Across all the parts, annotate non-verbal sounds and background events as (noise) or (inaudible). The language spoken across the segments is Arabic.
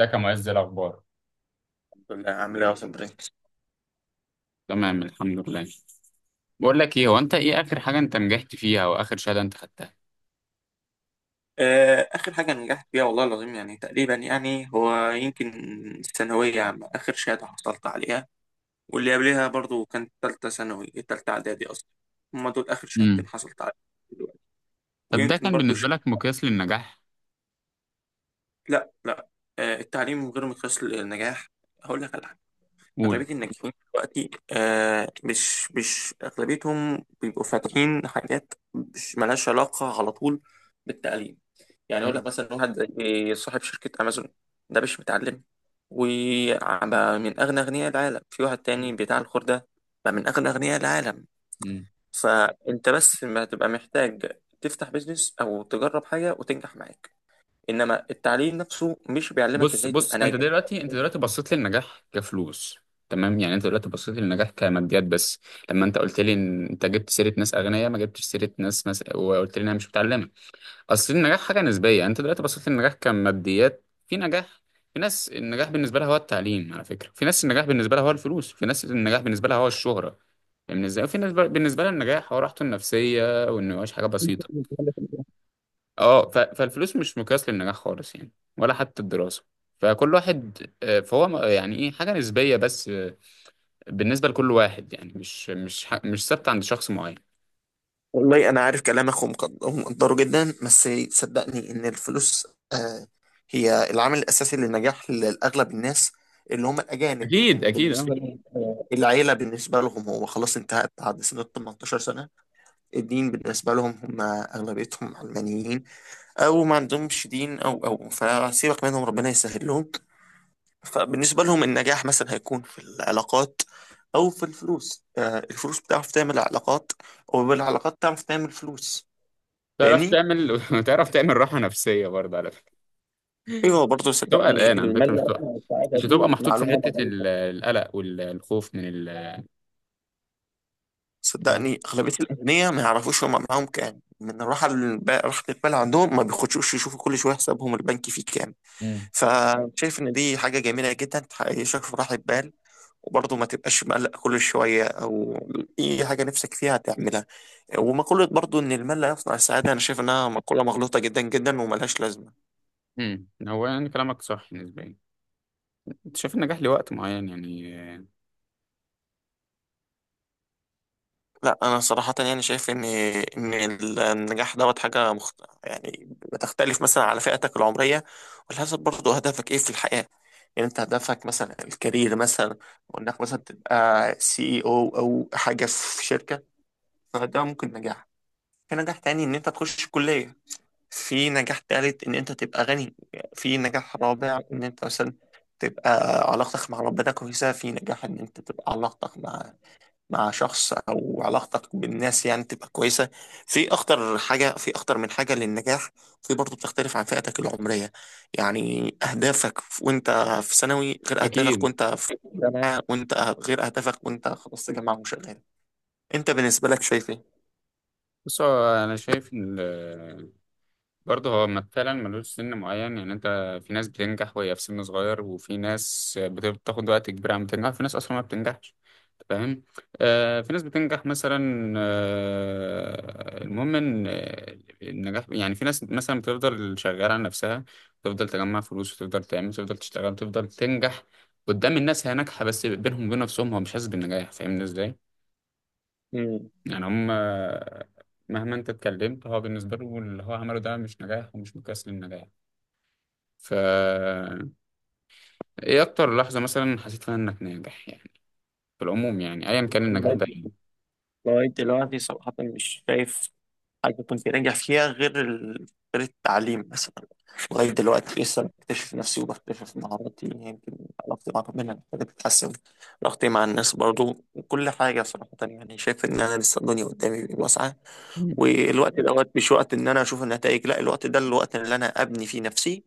ازيك يا معز؟ إيه الاخبار؟ لا عامل ايه يا صبري؟ تمام، الحمد لله. بقول لك ايه، هو انت ايه اخر حاجه انت نجحت فيها او اخر شهاده انت خدتها؟ آه، اخر حاجه نجحت فيها والله العظيم يعني تقريبا يعني هو يمكن الثانويه عامه اخر شهاده حصلت عليها، واللي قبلها برضو كانت ثالثه ثانوي، ثالثه اعدادي اصلا. هما دول اخر شهادتين امم. حصلت عليهم دلوقتي. طب ده ويمكن كان برضو بالنسبه لك مقياس للنجاح؟ لا لا. التعليم غير مقياس للنجاح. هقول لك على قول. أغلبية الناجحين دلوقتي، آه، مش أغلبيتهم بيبقوا فاتحين حاجات مش ملهاش علاقة على طول بالتعليم. يعني أقول لك امم، مثلا واحد زي صاحب شركة أمازون، ده مش متعلم وبقى من أغنى أغنياء العالم. في واحد تاني بتاع الخردة بقى من أغنى أغنياء العالم. امم. فأنت بس ما تبقى محتاج تفتح بيزنس أو تجرب حاجة وتنجح معاك، إنما التعليم نفسه مش بيعلمك بص إزاي تبقى بص، انت ناجح. دلوقتي بصيت للنجاح كفلوس. تمام، يعني انت دلوقتي بصيت للنجاح كماديات بس. لما انت قلت لي ان انت جبت سيره ناس اغنياء، ما جبتش سيره ناس مثلا وقلت لي انها مش متعلمه. اصل النجاح حاجه نسبيه، يعني انت دلوقتي بصيت للنجاح كماديات. في نجاح، في ناس النجاح بالنسبه لها هو التعليم، على فكره، في ناس النجاح بالنسبه لها هو الفلوس، في ناس النجاح بالنسبه لها هو الشهره. فاهمني ازاي؟ وفي ناس بالنسبه لها النجاح هو راحته النفسيه وانه يعيش حاجه بسيطه. اه فالفلوس مش مقياس للنجاح خالص يعني، ولا حتى الدراسه. فكل واحد، فهو يعني ايه، حاجه نسبيه بس، بالنسبه لكل واحد، يعني مش ثابته عند شخص معين. والله انا عارف كلامك ومقدره جدا، بس صدقني ان الفلوس، آه، هي العامل الاساسي للنجاح لاغلب الناس اللي هم الاجانب، اكيد، ان اكيد، اه. بالنسبه لهم، آه، العيله بالنسبه لهم هو خلاص انتهت بعد سن ال 18 سنه. الدين بالنسبه لهم هم اغلبيتهم علمانيين، او ما عندهمش دين، او فسيبك منهم ربنا يسهل لهم. فبالنسبه لهم النجاح مثلا هيكون في العلاقات او في الفلوس. آه، الفلوس بتعرف تعمل علاقات، وبالعلاقات تعرف تعمل فلوس. تعرف فاهمني. تعمل (laughs) تعرف تعمل راحه نفسيه برضه، على فكره. ايوه، برضه تبقى قلقان صدقني على فكرة، مش المال هتبقى اصلا والسعاده دي محطوط في معلومه حتة ضعيفه. القلق والخوف من ال. فاهم. صدقني اغلبيه الاغنياء ما يعرفوش هم معاهم كام. من الراحه راحه البال عندهم ما بيخشوش يشوفوا كل شويه حسابهم البنكي فيه كام. امم، فشايف ان دي حاجه جميله جدا، تحققشك في راحه بال وبرضه ما تبقاش مقلق كل شويه، او اي حاجه نفسك فيها تعملها. ومقوله برضه ان المال لا يصنع السعاده، انا شايف انها مقوله مغلوطه جدا جدا وملهاش لازمه. امم. هو يعني كلامك صح نسبيا. انت شايف النجاح لوقت معين يعني؟ لا، انا صراحه يعني شايف ان النجاح دوت حاجه يعني بتختلف مثلا على فئتك العمريه وعلى حسب برضه هدفك ايه في الحياه. يعني انت هدفك مثلا الكارير مثلا، وانك مثلا تبقى سي اي او او حاجه في شركه، فده ممكن نجاح. في نجاح تاني ان انت تخش كليه. في نجاح تالت ان انت تبقى غني. في نجاح رابع ان انت مثلا تبقى علاقتك مع ربنا كويسه. في نجاح ان انت تبقى علاقتك مع مع شخص او علاقتك بالناس يعني تبقى كويسه. في اخطر حاجه، في اخطر من حاجه للنجاح. في برضه بتختلف عن فئتك العمريه، يعني اهدافك وانت في ثانوي غير اهدافك اكيد. وانت في جامعه، وانت غير اهدافك وانت خلصت جامعه وشغال. انت بالنسبه لك شايف ايه؟ بص، هو انا شايف إن، برضه هو فعلا ملوش سن معين، يعني انت، في ناس بتنجح وهي في سن صغير، وفي ناس بتاخد وقت كبير عم تنجح، في ناس اصلا ما بتنجحش. أنت فاهم؟ في ناس بتنجح مثلا، المهم ان النجاح، يعني في ناس مثلا بتفضل شغالة على نفسها، تفضل تجمع فلوس وتفضل تعمل وتفضل تشتغل وتفضل تنجح. قدام الناس هي ناجحة، بس بينهم وبين نفسهم هو مش حاسس بالنجاح. فاهمني ازاي؟ مم. يعني هم، مهما انت اتكلمت، هو بالنسبة له اللي هو عمله ده مش نجاح ومش مقياس للنجاح. ف ايه اكتر لحظة مثلا حسيت فيها انك ناجح يعني، في العموم، يعني ايا كان النجاح لغاية ده يعني؟ لغاية دلوقتي صراحة مش شايف حاجة كنت ناجح فيها غير غير التعليم بس. لغاية دلوقتي لسه بكتشف نفسي وبكتشف مهاراتي. يمكن علاقتي مع ربنا محتاجة تتحسن، علاقتي مع الناس برضو، وكل حاجة. صراحة يعني شايف إن أنا لسه الدنيا قدامي واسعة، مم. والوقت دوت مش وقت إن أنا أشوف النتائج، لا الوقت ده الوقت اللي أنا أبني فيه نفسي.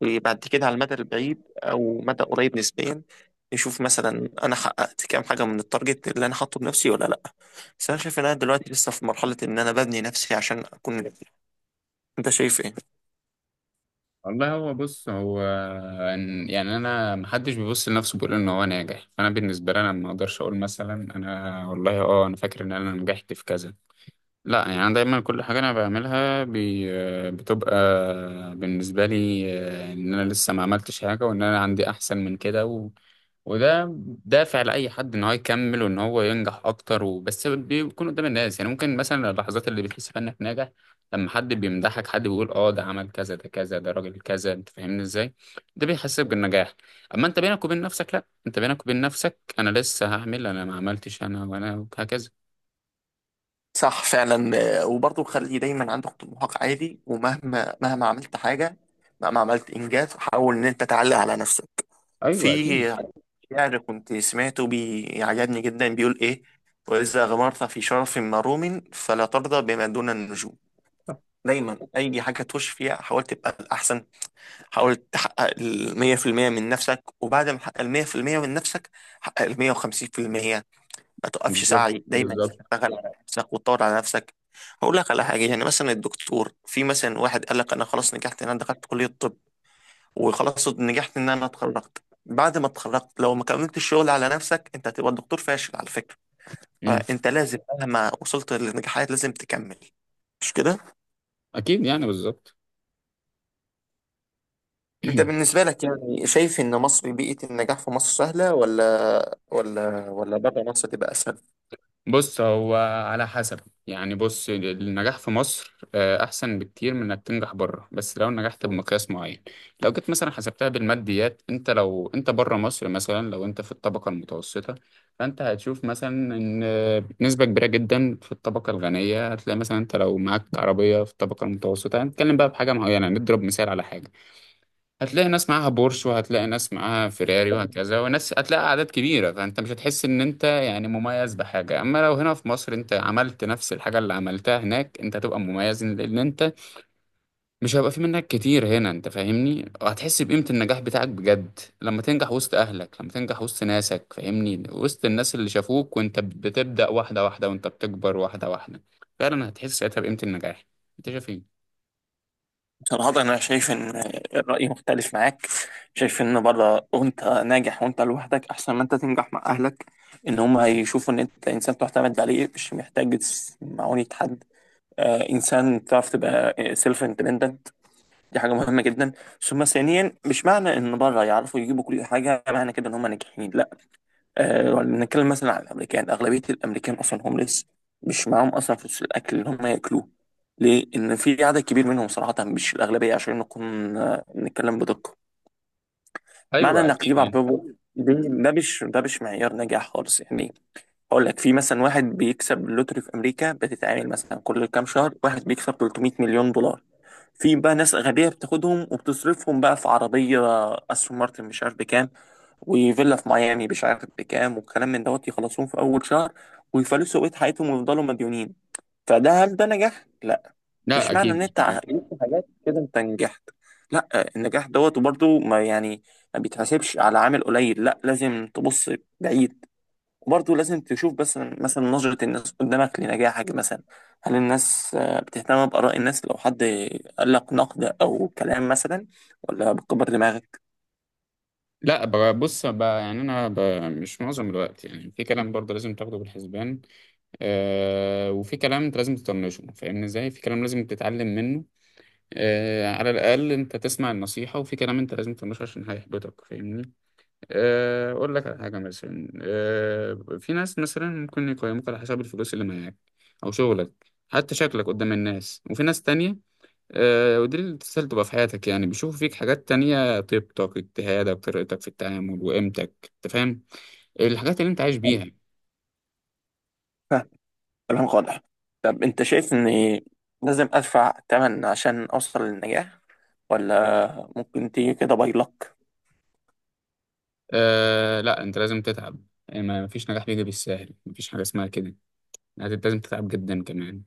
وبعد كده على المدى البعيد أو مدى قريب نسبيا نشوف مثلا أنا حققت كام حاجة من التارجت اللي أنا حاطه بنفسي ولا لأ. بس أنا شايف إن أنا دلوقتي لسه في مرحلة إن أنا ببني نفسي عشان أكون ناجح. أنت شايف إيه؟ والله، هو بص هو يعني انا، محدش بيبص لنفسه بيقول ان هو ناجح. فانا بالنسبه لي، انا ما اقدرش اقول مثلا انا والله انا فاكر ان انا نجحت في كذا. لا، يعني انا دايما كل حاجه انا بعملها بتبقى بالنسبه لي، ان انا لسه ما عملتش حاجه وان انا عندي احسن من كده. وده دافع لأي حد إن هو يكمل وإن هو ينجح أكتر، وبس بيكون قدام الناس. يعني ممكن مثلا اللحظات اللي بتحس فيها إنك ناجح، لما حد بيمدحك، حد بيقول أه ده عمل كذا، ده كذا، ده راجل كذا. أنت فاهمني إزاي؟ ده بيحسسك بالنجاح. أما أنت بينك وبين نفسك، لأ، أنت بينك وبين نفسك أنا لسه هعمل، أنا ما عملتش، أنا وأنا، وهكذا. صح فعلا، آه، وبرضه خلي دايما عندك طموحك عالي، ومهما مهما عملت حاجة، مهما عملت إنجاز، حاول إن أنت تعلق على نفسك. أيوه، في أكيد. شعر كنت سمعته بيعجبني جدا، بيقول إيه؟ وإذا غمرت في شرف مروم فلا ترضى بما دون النجوم. دايما أي حاجة تخش فيها حاول تبقى الأحسن. حاول تحقق 100% من نفسك، وبعد ما تحقق 100% من نفسك، حقق 150%. ما توقفش بالظبط، سعي، دايما بالظبط. تشتغل على نفسك وتطور على نفسك. هقول لك على حاجه، يعني مثلا الدكتور، في مثلا واحد قال لك انا خلاص نجحت ان انا دخلت كليه الطب، وخلاص نجحت ان انا اتخرجت. بعد ما اتخرجت لو ما كملتش الشغل على نفسك انت هتبقى دكتور فاشل على فكره. أمم. فانت لازم مهما وصلت للنجاحات لازم تكمل، مش كده؟ أكيد، يعني بالظبط. انت (clears throat) بالنسبه لك يعني شايف ان مصر بيئه النجاح في مصر سهله، ولا ولا بره مصر تبقى اسهل؟ بص، هو على حسب. يعني بص، النجاح في مصر أحسن بكتير من إنك تنجح بره، بس لو نجحت بمقياس معين. لو جيت مثلا حسبتها بالماديات، أنت لو أنت بره مصر مثلا، لو أنت في الطبقة المتوسطة، فأنت هتشوف مثلا إن نسبة كبيرة جدا في الطبقة الغنية. هتلاقي مثلا، أنت لو معاك عربية في الطبقة المتوسطة، هنتكلم بقى بحاجة معينة، نضرب مثال على حاجة. هتلاقي ناس معاها بورش، وهتلاقي ناس معاها فيراري وهكذا، وناس هتلاقي أعداد كبيرة. فأنت مش هتحس إن أنت يعني مميز بحاجة. أما لو هنا في مصر أنت عملت نفس الحاجة اللي عملتها هناك، أنت هتبقى مميز، لأن أنت مش هيبقى في منك كتير هنا. أنت فاهمني؟ وهتحس بقيمة النجاح بتاعك بجد لما تنجح وسط أهلك، لما تنجح وسط ناسك، فاهمني؟ وسط الناس اللي شافوك وأنت بتبدأ واحدة واحدة وأنت بتكبر واحدة واحدة. فعلا هتحس ساعتها بقيمة النجاح. أنت شايف إيه؟ صراحة أنا شايف إن الرأي مختلف معاك. شايف إن بره وأنت ناجح وأنت لوحدك أحسن ما أنت تنجح مع أهلك. إن هم هيشوفوا إن أنت إنسان تعتمد عليه مش محتاج معونة حد، آه، إنسان تعرف تبقى سيلف اندبندنت. دي حاجة مهمة جدا. ثم ثانيا، مش معنى إن بره يعرفوا يجيبوا كل حاجة معنى كده إن هم ناجحين. لا. آه، نتكلم مثلا عن الامريكان، اغلبيه الامريكان اصلا هومليس، مش معاهم اصلا فلوس الاكل اللي هم ياكلوه. ليه؟ ان في عدد كبير منهم، صراحه مش الاغلبيه عشان نكون، آه، نتكلم بدقه. معنى أيوه انك أكيد، تجيب يعني. عربيه دي، ده مش معيار نجاح خالص يعني. اقول لك في مثلا واحد بيكسب اللوتري في امريكا، بتتعامل مثلا كل كام شهر واحد بيكسب 300 مليون دولار. في بقى ناس غبيه بتاخدهم وبتصرفهم بقى في عربيه استون مارتن مش عارف بكام، وفيلا في ميامي مش عارف بكام، والكلام من دوت، يخلصوهم في اول شهر ويفلسوا بقية حياتهم ويفضلوا مديونين. فده هل ده نجاح؟ لا. لا، مش معنى أكيد ان مش انت نجاح. عملت حاجات كده انت نجحت. لا. النجاح دوت وبرضه ما يعني ما بيتحسبش على عامل قليل. لا، لازم تبص بعيد. وبرضه لازم تشوف بس مثلا نظرة الناس قدامك لنجاحك مثلا، هل الناس، آه، بتهتم بآراء الناس؟ لو حد قال لك نقد او كلام مثلا، ولا بتكبر دماغك؟ لا، بص، يعني انا مش معظم الوقت، يعني في كلام برضه لازم تاخده بالحسبان، وفي كلام انت لازم تطنشه. فاهمني ازاي؟ في كلام لازم تتعلم منه، على الاقل انت تسمع النصيحه، وفي كلام انت لازم تطنشه عشان هيحبطك، فاهمني؟ اقول لك على حاجه مثلا، في ناس مثلا ممكن يقيموك على حسب الفلوس اللي معاك، او شغلك، حتى شكلك قدام الناس. وفي ناس تانية، ودي التسهيل تبقى في حياتك، يعني بيشوفوا فيك حاجات تانية: طيبتك، اجتهادك، طريقتك في التعامل، وقيمتك. انت فاهم؟ الحاجات اللي انت عايش بيها. كلامك واضح. طب انت شايف اني لازم ادفع تمن عشان اوصل للنجاح، ولا ممكن تيجي كده باي لك؟ أه، لا، انت لازم تتعب. يعني ما فيش نجاح بيجي بالسهل، مفيش حاجة اسمها كده. يعني لازم تتعب جدا كمان.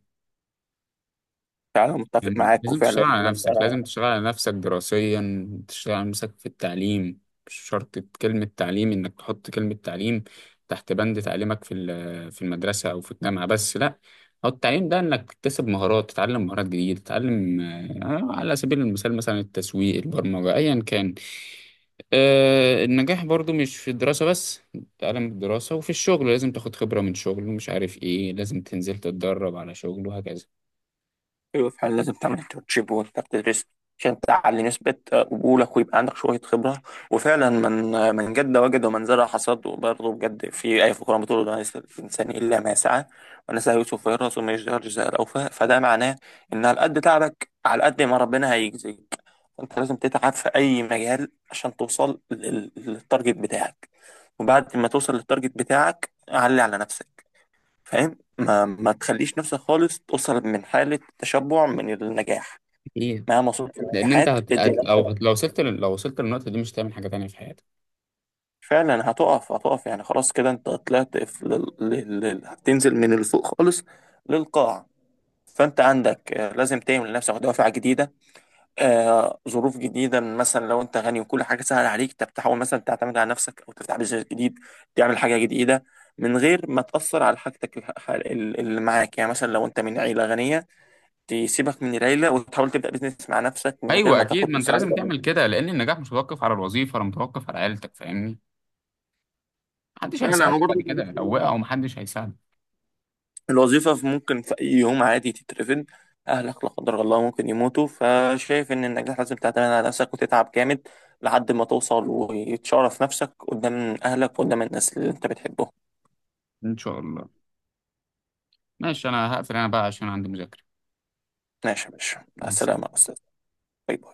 فعلا متفق يعني معاك، لازم تشتغل وفعلا على انت، نفسك، لازم تشتغل على نفسك دراسيا، تشتغل على نفسك في التعليم. مش شرط كلمة تعليم إنك تحط كلمة تعليم تحت بند تعليمك في في المدرسة أو في الجامعة، بس لأ. هو التعليم ده إنك تكتسب مهارات، تتعلم مهارات جديدة، تتعلم، على سبيل المثال مثلا التسويق، البرمجة، أيا كان. النجاح برضو مش في الدراسة بس. تعلم الدراسة، وفي الشغل لازم تاخد خبرة من شغل ومش عارف إيه، لازم تنزل تتدرب على شغل وهكذا. ايوه فعلا لازم تعمل انترنشيب وانت بتدرس عشان تعلي نسبة قبولك ويبقى عندك شوية خبرة. وفعلا من من جد وجد ومن زرع حصد. وبرضه بجد في آية في القرآن بتقول: لا يسأل الإنسان إلا ما سعى، ونسى يوسف ويرث وما يشجع الجزاء الأوفى. فده معناه إن على قد تعبك على قد ما ربنا هيجزيك. فأنت لازم تتعب في أي مجال عشان توصل للتارجت بتاعك. وبعد ما توصل للتارجت بتاعك علي على نفسك، فاهم؟ ما تخليش نفسك خالص توصل من حالة تشبع من النجاح. إيه؟ مهما صوت لان انت النجاحات ادي نفسك. لو وصلت للنقطه دي، مش هتعمل حاجه تانية في حياتك. فعلا هتقف، هتقف يعني خلاص كده. انت طلعت في هتنزل من اللي فوق خالص للقاع. فانت عندك، آه، لازم تعمل لنفسك دوافع جديدة، آه، ظروف جديدة. مثلا لو انت غني وكل حاجة سهلة عليك، انت بتحاول مثلا تعتمد على نفسك او تفتح بيزنس جديد، تعمل حاجة جديدة من غير ما تأثر على حاجتك اللي معاك. يعني مثلا لو انت من عيلة غنية، تسيبك من العيلة وتحاول تبدأ بيزنس مع نفسك من غير ايوه ما اكيد، تاخد ما انت لازم مساعدة. تعمل كده، لان النجاح مش متوقف على الوظيفه ولا متوقف على عيلتك. فاهمني؟ محدش فعلا انا هيساعدك بعد برضه كده، لو وقعوا محدش هيساعدك. الوظيفة ممكن في أي يوم عادي تترفد. أهلك لا قدر الله ممكن يموتوا. فشايف إن النجاح لازم تعتمد على نفسك وتتعب جامد لحد ما توصل وتشرف نفسك قدام أهلك وقدام الناس اللي أنت بتحبهم. ان شاء الله. ماشي، انا هقفل انا بقى عشان عندي مذاكره. ماشي يا باشا، مع مع السلامه. السلامة يا أستاذ. باي باي.